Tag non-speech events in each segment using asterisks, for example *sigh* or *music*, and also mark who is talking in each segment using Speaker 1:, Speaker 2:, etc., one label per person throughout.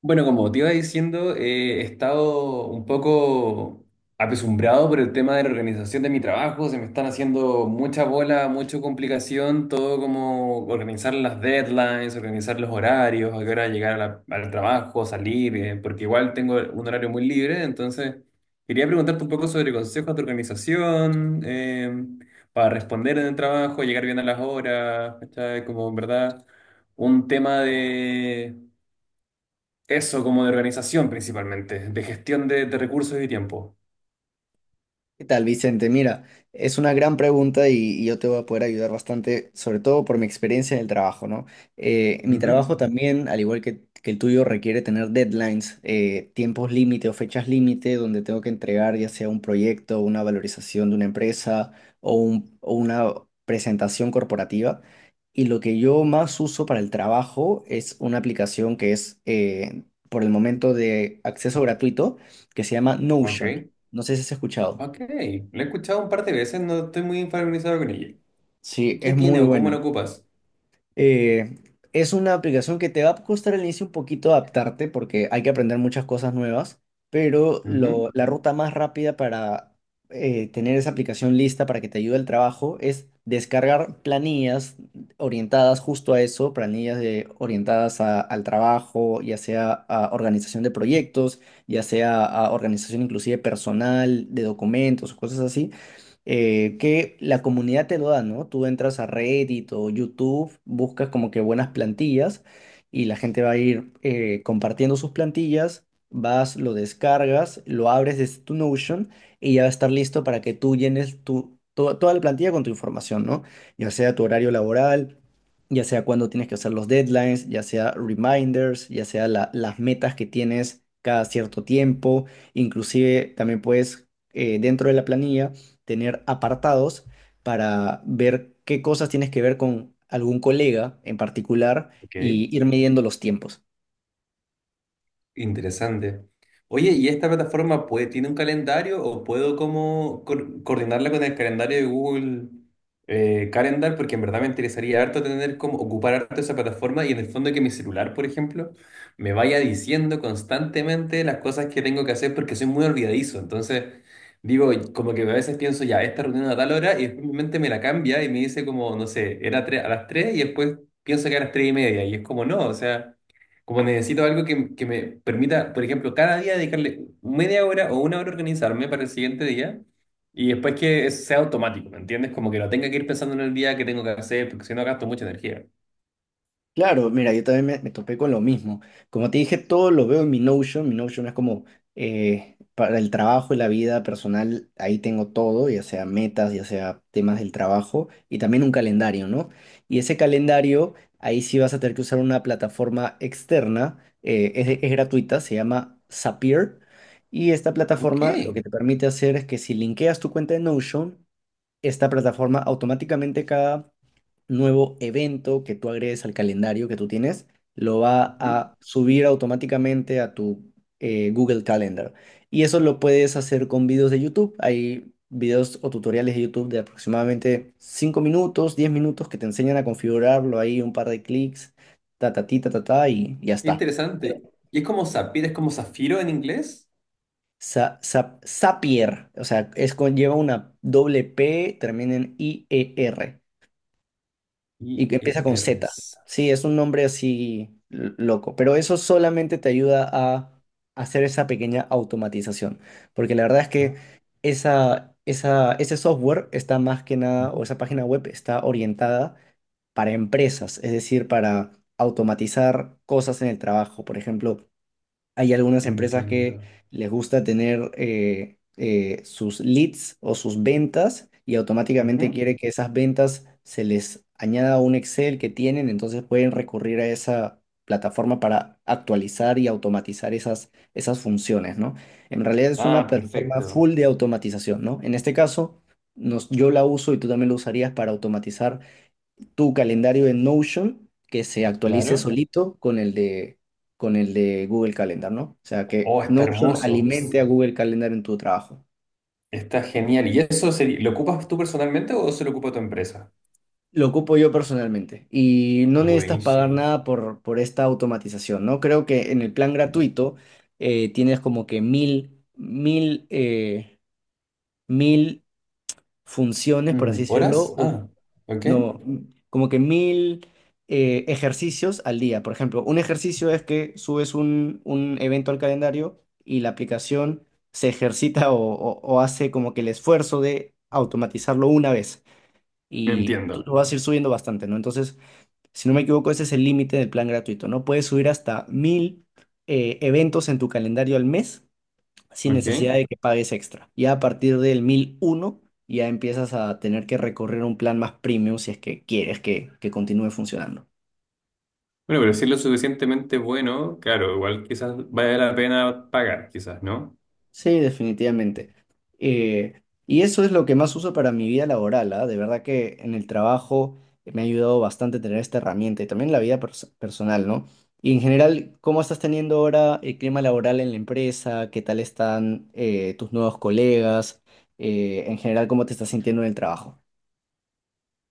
Speaker 1: Bueno, como te iba diciendo, he estado un poco apesumbrado por el tema de la organización de mi trabajo. Se me están haciendo mucha bola, mucha complicación, todo como organizar las deadlines, organizar los horarios, a qué hora llegar al trabajo, salir, porque igual tengo un horario muy libre. Entonces, quería preguntarte un poco sobre consejos de organización, para responder en el trabajo, llegar bien a las horas, ¿cachai? Como en verdad un tema eso como de organización principalmente, de gestión de recursos y tiempo.
Speaker 2: ¿Qué tal, Vicente? Mira, es una gran pregunta y yo te voy a poder ayudar bastante, sobre todo por mi experiencia en el trabajo, ¿no? Mi trabajo
Speaker 1: Ujú.
Speaker 2: también, al igual que el tuyo, requiere tener deadlines, tiempos límite o fechas límite donde tengo que entregar ya sea un proyecto, una valorización de una empresa o una presentación corporativa. Y lo que yo más uso para el trabajo es una aplicación que es por el momento de acceso gratuito que se llama
Speaker 1: Ok,
Speaker 2: Notion. No sé si has escuchado.
Speaker 1: ok. Lo he escuchado un par de veces, no estoy muy familiarizado con ella.
Speaker 2: Sí,
Speaker 1: ¿Qué
Speaker 2: es
Speaker 1: tiene
Speaker 2: muy
Speaker 1: o cómo lo
Speaker 2: buena.
Speaker 1: ocupas?
Speaker 2: Eh, es una aplicación que te va a costar al inicio un poquito adaptarte porque hay que aprender muchas cosas nuevas, pero lo,
Speaker 1: Ujú.
Speaker 2: la ruta más rápida para tener esa aplicación lista para que te ayude al trabajo es descargar planillas orientadas justo a eso, orientadas al trabajo, ya sea a organización de proyectos, ya sea a organización inclusive personal, de documentos, cosas así que la comunidad te lo da, ¿no? Tú entras a Reddit o YouTube, buscas como que buenas plantillas y la gente va a ir compartiendo sus plantillas, vas, lo descargas, lo abres desde tu Notion y ya va a estar listo para que tú llenes toda la plantilla con tu información, ¿no? Ya sea tu horario laboral. Ya sea cuando tienes que hacer los deadlines, ya sea reminders, ya sea las metas que tienes cada cierto tiempo, inclusive también puedes dentro de la planilla tener apartados para ver qué cosas tienes que ver con algún colega en particular
Speaker 1: Ok.
Speaker 2: y ir midiendo los tiempos.
Speaker 1: Interesante. Oye, ¿y esta plataforma puede, tiene un calendario o puedo como coordinarla con el calendario de Google Calendar? Porque en verdad me interesaría harto tener como ocupar harto esa plataforma y en el fondo que mi celular, por ejemplo, me vaya diciendo constantemente las cosas que tengo que hacer porque soy muy olvidadizo. Entonces, digo, como que a veces pienso ya, esta reunión a tal hora y después mi mente me la cambia y me dice como, no sé, a las 3 y después pienso que a las 3 y media y es como no, o sea. Como necesito algo que me permita, por ejemplo, cada día dedicarle media hora o una hora a organizarme para el siguiente día y después que sea automático, ¿me entiendes? Como que no tenga que ir pensando en el día que tengo que hacer, porque si no gasto mucha energía.
Speaker 2: Claro, mira, yo también me topé con lo mismo. Como te dije, todo lo veo en mi Notion. Mi Notion es como para el trabajo y la vida personal, ahí tengo todo, ya sea metas, ya sea temas del trabajo y también un calendario, ¿no? Y ese calendario, ahí sí vas a tener que usar una plataforma externa, es gratuita, se llama Zapier. Y esta
Speaker 1: Ok,
Speaker 2: plataforma lo que te permite hacer es que si linkeas tu cuenta de Notion, esta plataforma automáticamente cada nuevo evento que tú agregues al calendario que tú tienes, lo va
Speaker 1: ujú.
Speaker 2: a subir automáticamente a tu Google Calendar. Y eso lo puedes hacer con videos de YouTube. Hay videos o tutoriales de YouTube de aproximadamente 5 minutos, 10 minutos que te enseñan a configurarlo ahí, un par de clics, ta ta ti, ta ta ta y ya está.
Speaker 1: Interesante. ¿Y es como Zafir, es como zafiro en inglés?
Speaker 2: Zapier, o sea, es con, lleva una doble P, termina en I E r, y
Speaker 1: Y
Speaker 2: que empieza
Speaker 1: E
Speaker 2: con
Speaker 1: r
Speaker 2: Z.
Speaker 1: s.
Speaker 2: Sí, es un nombre así loco. Pero eso solamente te ayuda a hacer esa pequeña automatización. Porque la verdad es que ese software está más que nada, o
Speaker 1: Ujú.
Speaker 2: esa página web está orientada para empresas, es decir, para automatizar cosas en el trabajo. Por ejemplo, hay algunas empresas que
Speaker 1: Entiendo.
Speaker 2: les gusta tener sus leads o sus ventas y automáticamente
Speaker 1: Ujú.
Speaker 2: quiere que esas ventas se les añada a un Excel que tienen, entonces pueden recurrir a esa plataforma para actualizar y automatizar esas funciones, ¿no? En realidad es una
Speaker 1: Ah,
Speaker 2: plataforma
Speaker 1: perfecto.
Speaker 2: full de automatización, ¿no? En este caso, yo la uso y tú también lo usarías para automatizar tu calendario en Notion que se actualice
Speaker 1: Claro.
Speaker 2: solito con el de Google Calendar, ¿no? O sea, que
Speaker 1: Oh, está
Speaker 2: Notion
Speaker 1: hermoso.
Speaker 2: alimente a Google Calendar en tu trabajo.
Speaker 1: Está genial. ¿Y eso lo ocupas tú personalmente o se lo ocupa tu empresa?
Speaker 2: Lo ocupo yo personalmente y no necesitas pagar
Speaker 1: Buenísimo.
Speaker 2: nada por esta automatización, ¿no? Creo que en el plan gratuito tienes como que 1.000 funciones, por así
Speaker 1: Mm,
Speaker 2: decirlo,
Speaker 1: ¿horas?
Speaker 2: o
Speaker 1: Ah, ok.
Speaker 2: no, como que mil ejercicios al día. Por ejemplo, un ejercicio es que subes un evento al calendario y la aplicación se ejercita o hace como que el esfuerzo de automatizarlo una vez. Y tú
Speaker 1: Entiendo.
Speaker 2: tú vas a ir subiendo bastante, ¿no? Entonces, si no me equivoco, ese es el límite del plan gratuito, ¿no? Puedes subir hasta 1.000 eventos en tu calendario al mes sin
Speaker 1: Ok.
Speaker 2: necesidad de que pagues extra. Ya a partir del 1.001 ya empiezas a tener que recorrer un plan más premium si es que quieres que continúe funcionando.
Speaker 1: Bueno, pero si es lo suficientemente bueno, claro, igual quizás vale la pena pagar, quizás, ¿no?
Speaker 2: Sí, definitivamente. Y eso es lo que más uso para mi vida laboral, ¿ah? De verdad que en el trabajo me ha ayudado bastante tener esta herramienta y también en la vida personal, ¿no? Y en general, ¿cómo estás teniendo ahora el clima laboral en la empresa? ¿Qué tal están tus nuevos colegas? En general, ¿cómo te estás sintiendo en el trabajo?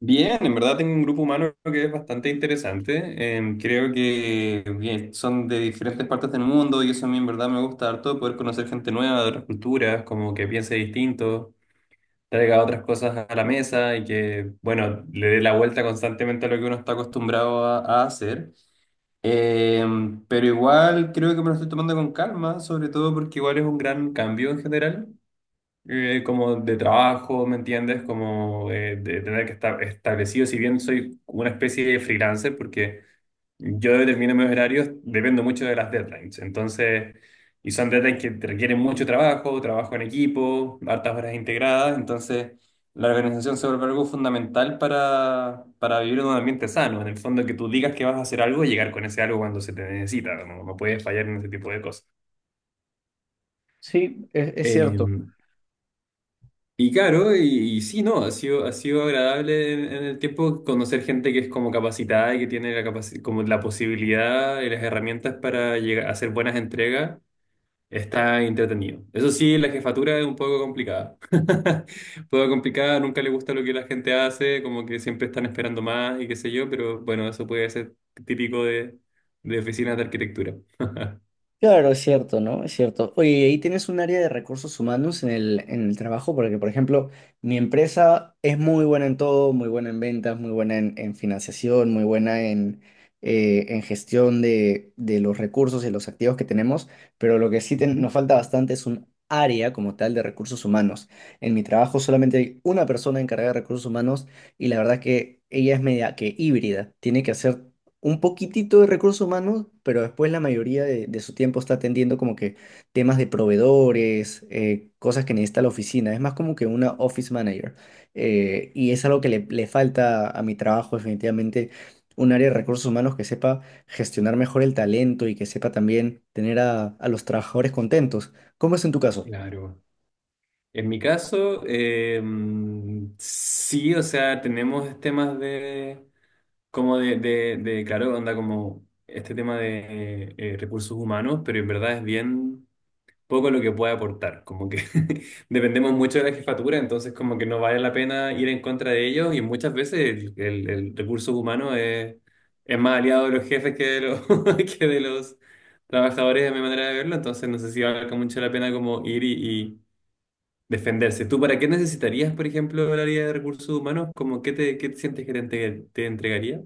Speaker 1: Bien, en verdad tengo un grupo humano que es bastante interesante. Creo que bien, son de diferentes partes del mundo y eso a mí en verdad me gusta harto, poder conocer gente nueva de otras culturas, como que piense distinto, traiga otras cosas a la mesa y que, bueno, le dé la vuelta constantemente a lo que uno está acostumbrado a hacer. Pero igual creo que me lo estoy tomando con calma, sobre todo porque igual es un gran cambio en general, como de trabajo, ¿me entiendes? Como de tener que estar establecido, si bien soy una especie de freelancer, porque yo determino mis horarios, dependo mucho de las deadlines. Entonces, y son deadlines que te requieren mucho trabajo, trabajo en equipo, hartas horas integradas. Entonces, la organización se vuelve algo fundamental para vivir en un ambiente sano. En el fondo, que tú digas que vas a hacer algo y llegar con ese algo cuando se te necesita. No, no puedes fallar en ese tipo de cosas.
Speaker 2: Sí, es
Speaker 1: Eh,
Speaker 2: cierto.
Speaker 1: Y claro, y sí, no, ha sido agradable en el tiempo conocer gente que es como capacitada y que tiene como la posibilidad y las herramientas para llegar a hacer buenas entregas, está entretenido. Eso sí, la jefatura es un poco complicada. *laughs* Un poco complicada, nunca le gusta lo que la gente hace, como que siempre están esperando más y qué sé yo, pero bueno, eso puede ser típico de, oficinas de arquitectura.
Speaker 2: Claro, es cierto, ¿no? Es cierto. Oye, ¿y ahí tienes un área de recursos humanos en en el trabajo? Porque, por ejemplo, mi empresa es muy buena en todo, muy buena en ventas, muy buena en financiación, muy buena en gestión de los recursos y los activos que tenemos, pero lo que sí
Speaker 1: Ujú.
Speaker 2: nos falta bastante es un área como tal de recursos humanos. En mi trabajo solamente hay una persona encargada de recursos humanos y la verdad que ella es media que híbrida. Tiene que hacer un poquitito de recursos humanos, pero después la mayoría de su tiempo está atendiendo como que temas de proveedores, cosas que necesita la oficina. Es más como que una office manager. Y es algo que le falta a mi trabajo, definitivamente, un área de recursos humanos que sepa gestionar mejor el talento y que sepa también tener a los trabajadores contentos. ¿Cómo es en tu caso?
Speaker 1: Claro. En mi caso, sí, o sea, tenemos temas de, como de, claro, onda como este tema de recursos humanos, pero en verdad es bien poco lo que puede aportar, como que *laughs* dependemos mucho de la jefatura, entonces como que no vale la pena ir en contra de ellos y muchas veces el recurso humano es más aliado de los jefes que de los, *laughs* que de los trabajadores, de mi manera de verlo, entonces no sé si valga mucho la pena como ir y y- defenderse. ¿Tú para qué necesitarías, por ejemplo, el área de recursos humanos? ¿Cómo qué te sientes que te entregaría?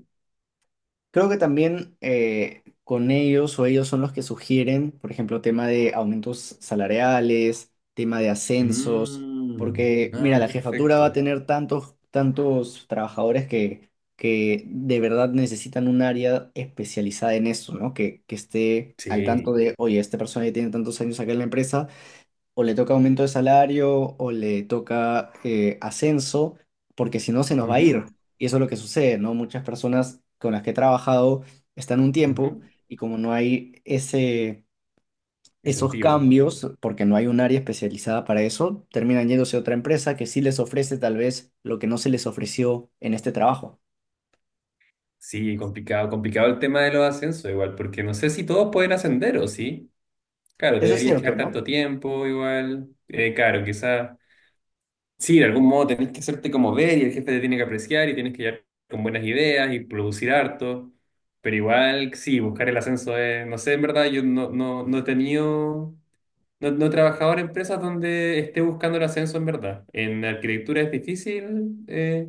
Speaker 2: Creo que también con ellos o ellos son los que sugieren, por ejemplo, tema de aumentos salariales, tema de ascensos,
Speaker 1: Mm,
Speaker 2: porque
Speaker 1: ah,
Speaker 2: mira, la jefatura va a
Speaker 1: perfecto.
Speaker 2: tener tantos trabajadores que de verdad necesitan un área especializada en eso, ¿no? Que esté al tanto
Speaker 1: Sí.
Speaker 2: de, oye, esta persona ya tiene tantos años acá en la empresa o le toca aumento de salario o le toca ascenso, porque si no se nos va a ir.
Speaker 1: Ujú,
Speaker 2: Y eso es lo que sucede, ¿no? Muchas personas con las que he trabajado están un tiempo
Speaker 1: ujú.
Speaker 2: y como no hay esos
Speaker 1: Incentivo.
Speaker 2: cambios, porque no hay un área especializada para eso, terminan yéndose a otra empresa que sí les ofrece tal vez lo que no se les ofreció en este trabajo.
Speaker 1: Sí, complicado, complicado el tema de los ascensos, igual, porque no sé si todos pueden ascender o sí. Claro,
Speaker 2: Eso es
Speaker 1: deberías
Speaker 2: cierto,
Speaker 1: quedar tanto
Speaker 2: ¿no?
Speaker 1: tiempo, igual. Claro, quizás. Sí, de algún modo tenés que hacerte como ver y el jefe te tiene que apreciar y tienes que llegar con buenas ideas y producir harto. Pero igual, sí, buscar el ascenso es, no sé, en verdad, yo no he tenido, no he trabajado en empresas donde esté buscando el ascenso en verdad. En arquitectura es difícil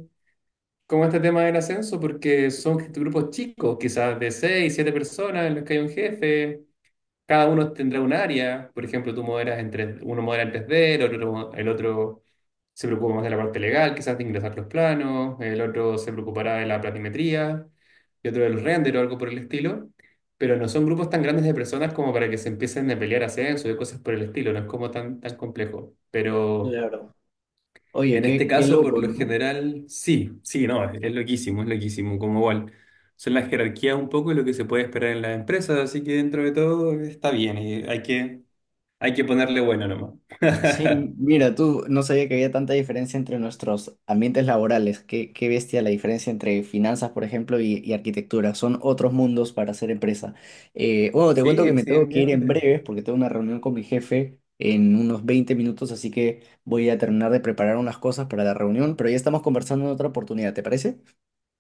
Speaker 1: como este tema del ascenso porque son grupos chicos, quizás de seis, siete personas en los que hay un jefe. Cada uno tendrá un área, por ejemplo, tú moderas en 3, uno modera en 3D, el otro se preocupa más de la parte legal, quizás de ingresar los planos, el otro se preocupará de la planimetría y otro del render o algo por el estilo, pero no son grupos tan grandes de personas como para que se empiecen a pelear ascenso y cosas por el estilo, no es como tan, tan complejo. Pero
Speaker 2: Claro. Oye,
Speaker 1: en este
Speaker 2: qué
Speaker 1: caso, por
Speaker 2: loco,
Speaker 1: lo
Speaker 2: ¿no?
Speaker 1: general, sí, sí, no, es loquísimo, es loquísimo, como igual. Son las jerarquías un poco y lo que se puede esperar en las empresas, así que dentro de todo está bien y hay que ponerle bueno nomás.
Speaker 2: Sí,
Speaker 1: *laughs*
Speaker 2: mira, tú no sabía que había tanta diferencia entre nuestros ambientes laborales. Qué bestia la diferencia entre finanzas, por ejemplo, y arquitectura. Son otros mundos para hacer empresa. Bueno, te
Speaker 1: Sí,
Speaker 2: cuento
Speaker 1: sí,
Speaker 2: que me tengo que ir en
Speaker 1: definitivamente.
Speaker 2: breves porque tengo una reunión con mi jefe en unos 20 minutos, así que voy a terminar de preparar unas cosas para la reunión, pero ya estamos conversando en otra oportunidad, ¿te parece?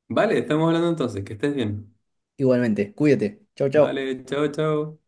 Speaker 1: Vale, estamos hablando entonces, que estés bien.
Speaker 2: Igualmente, cuídate. Chao, chao.
Speaker 1: Vale, chao, chao.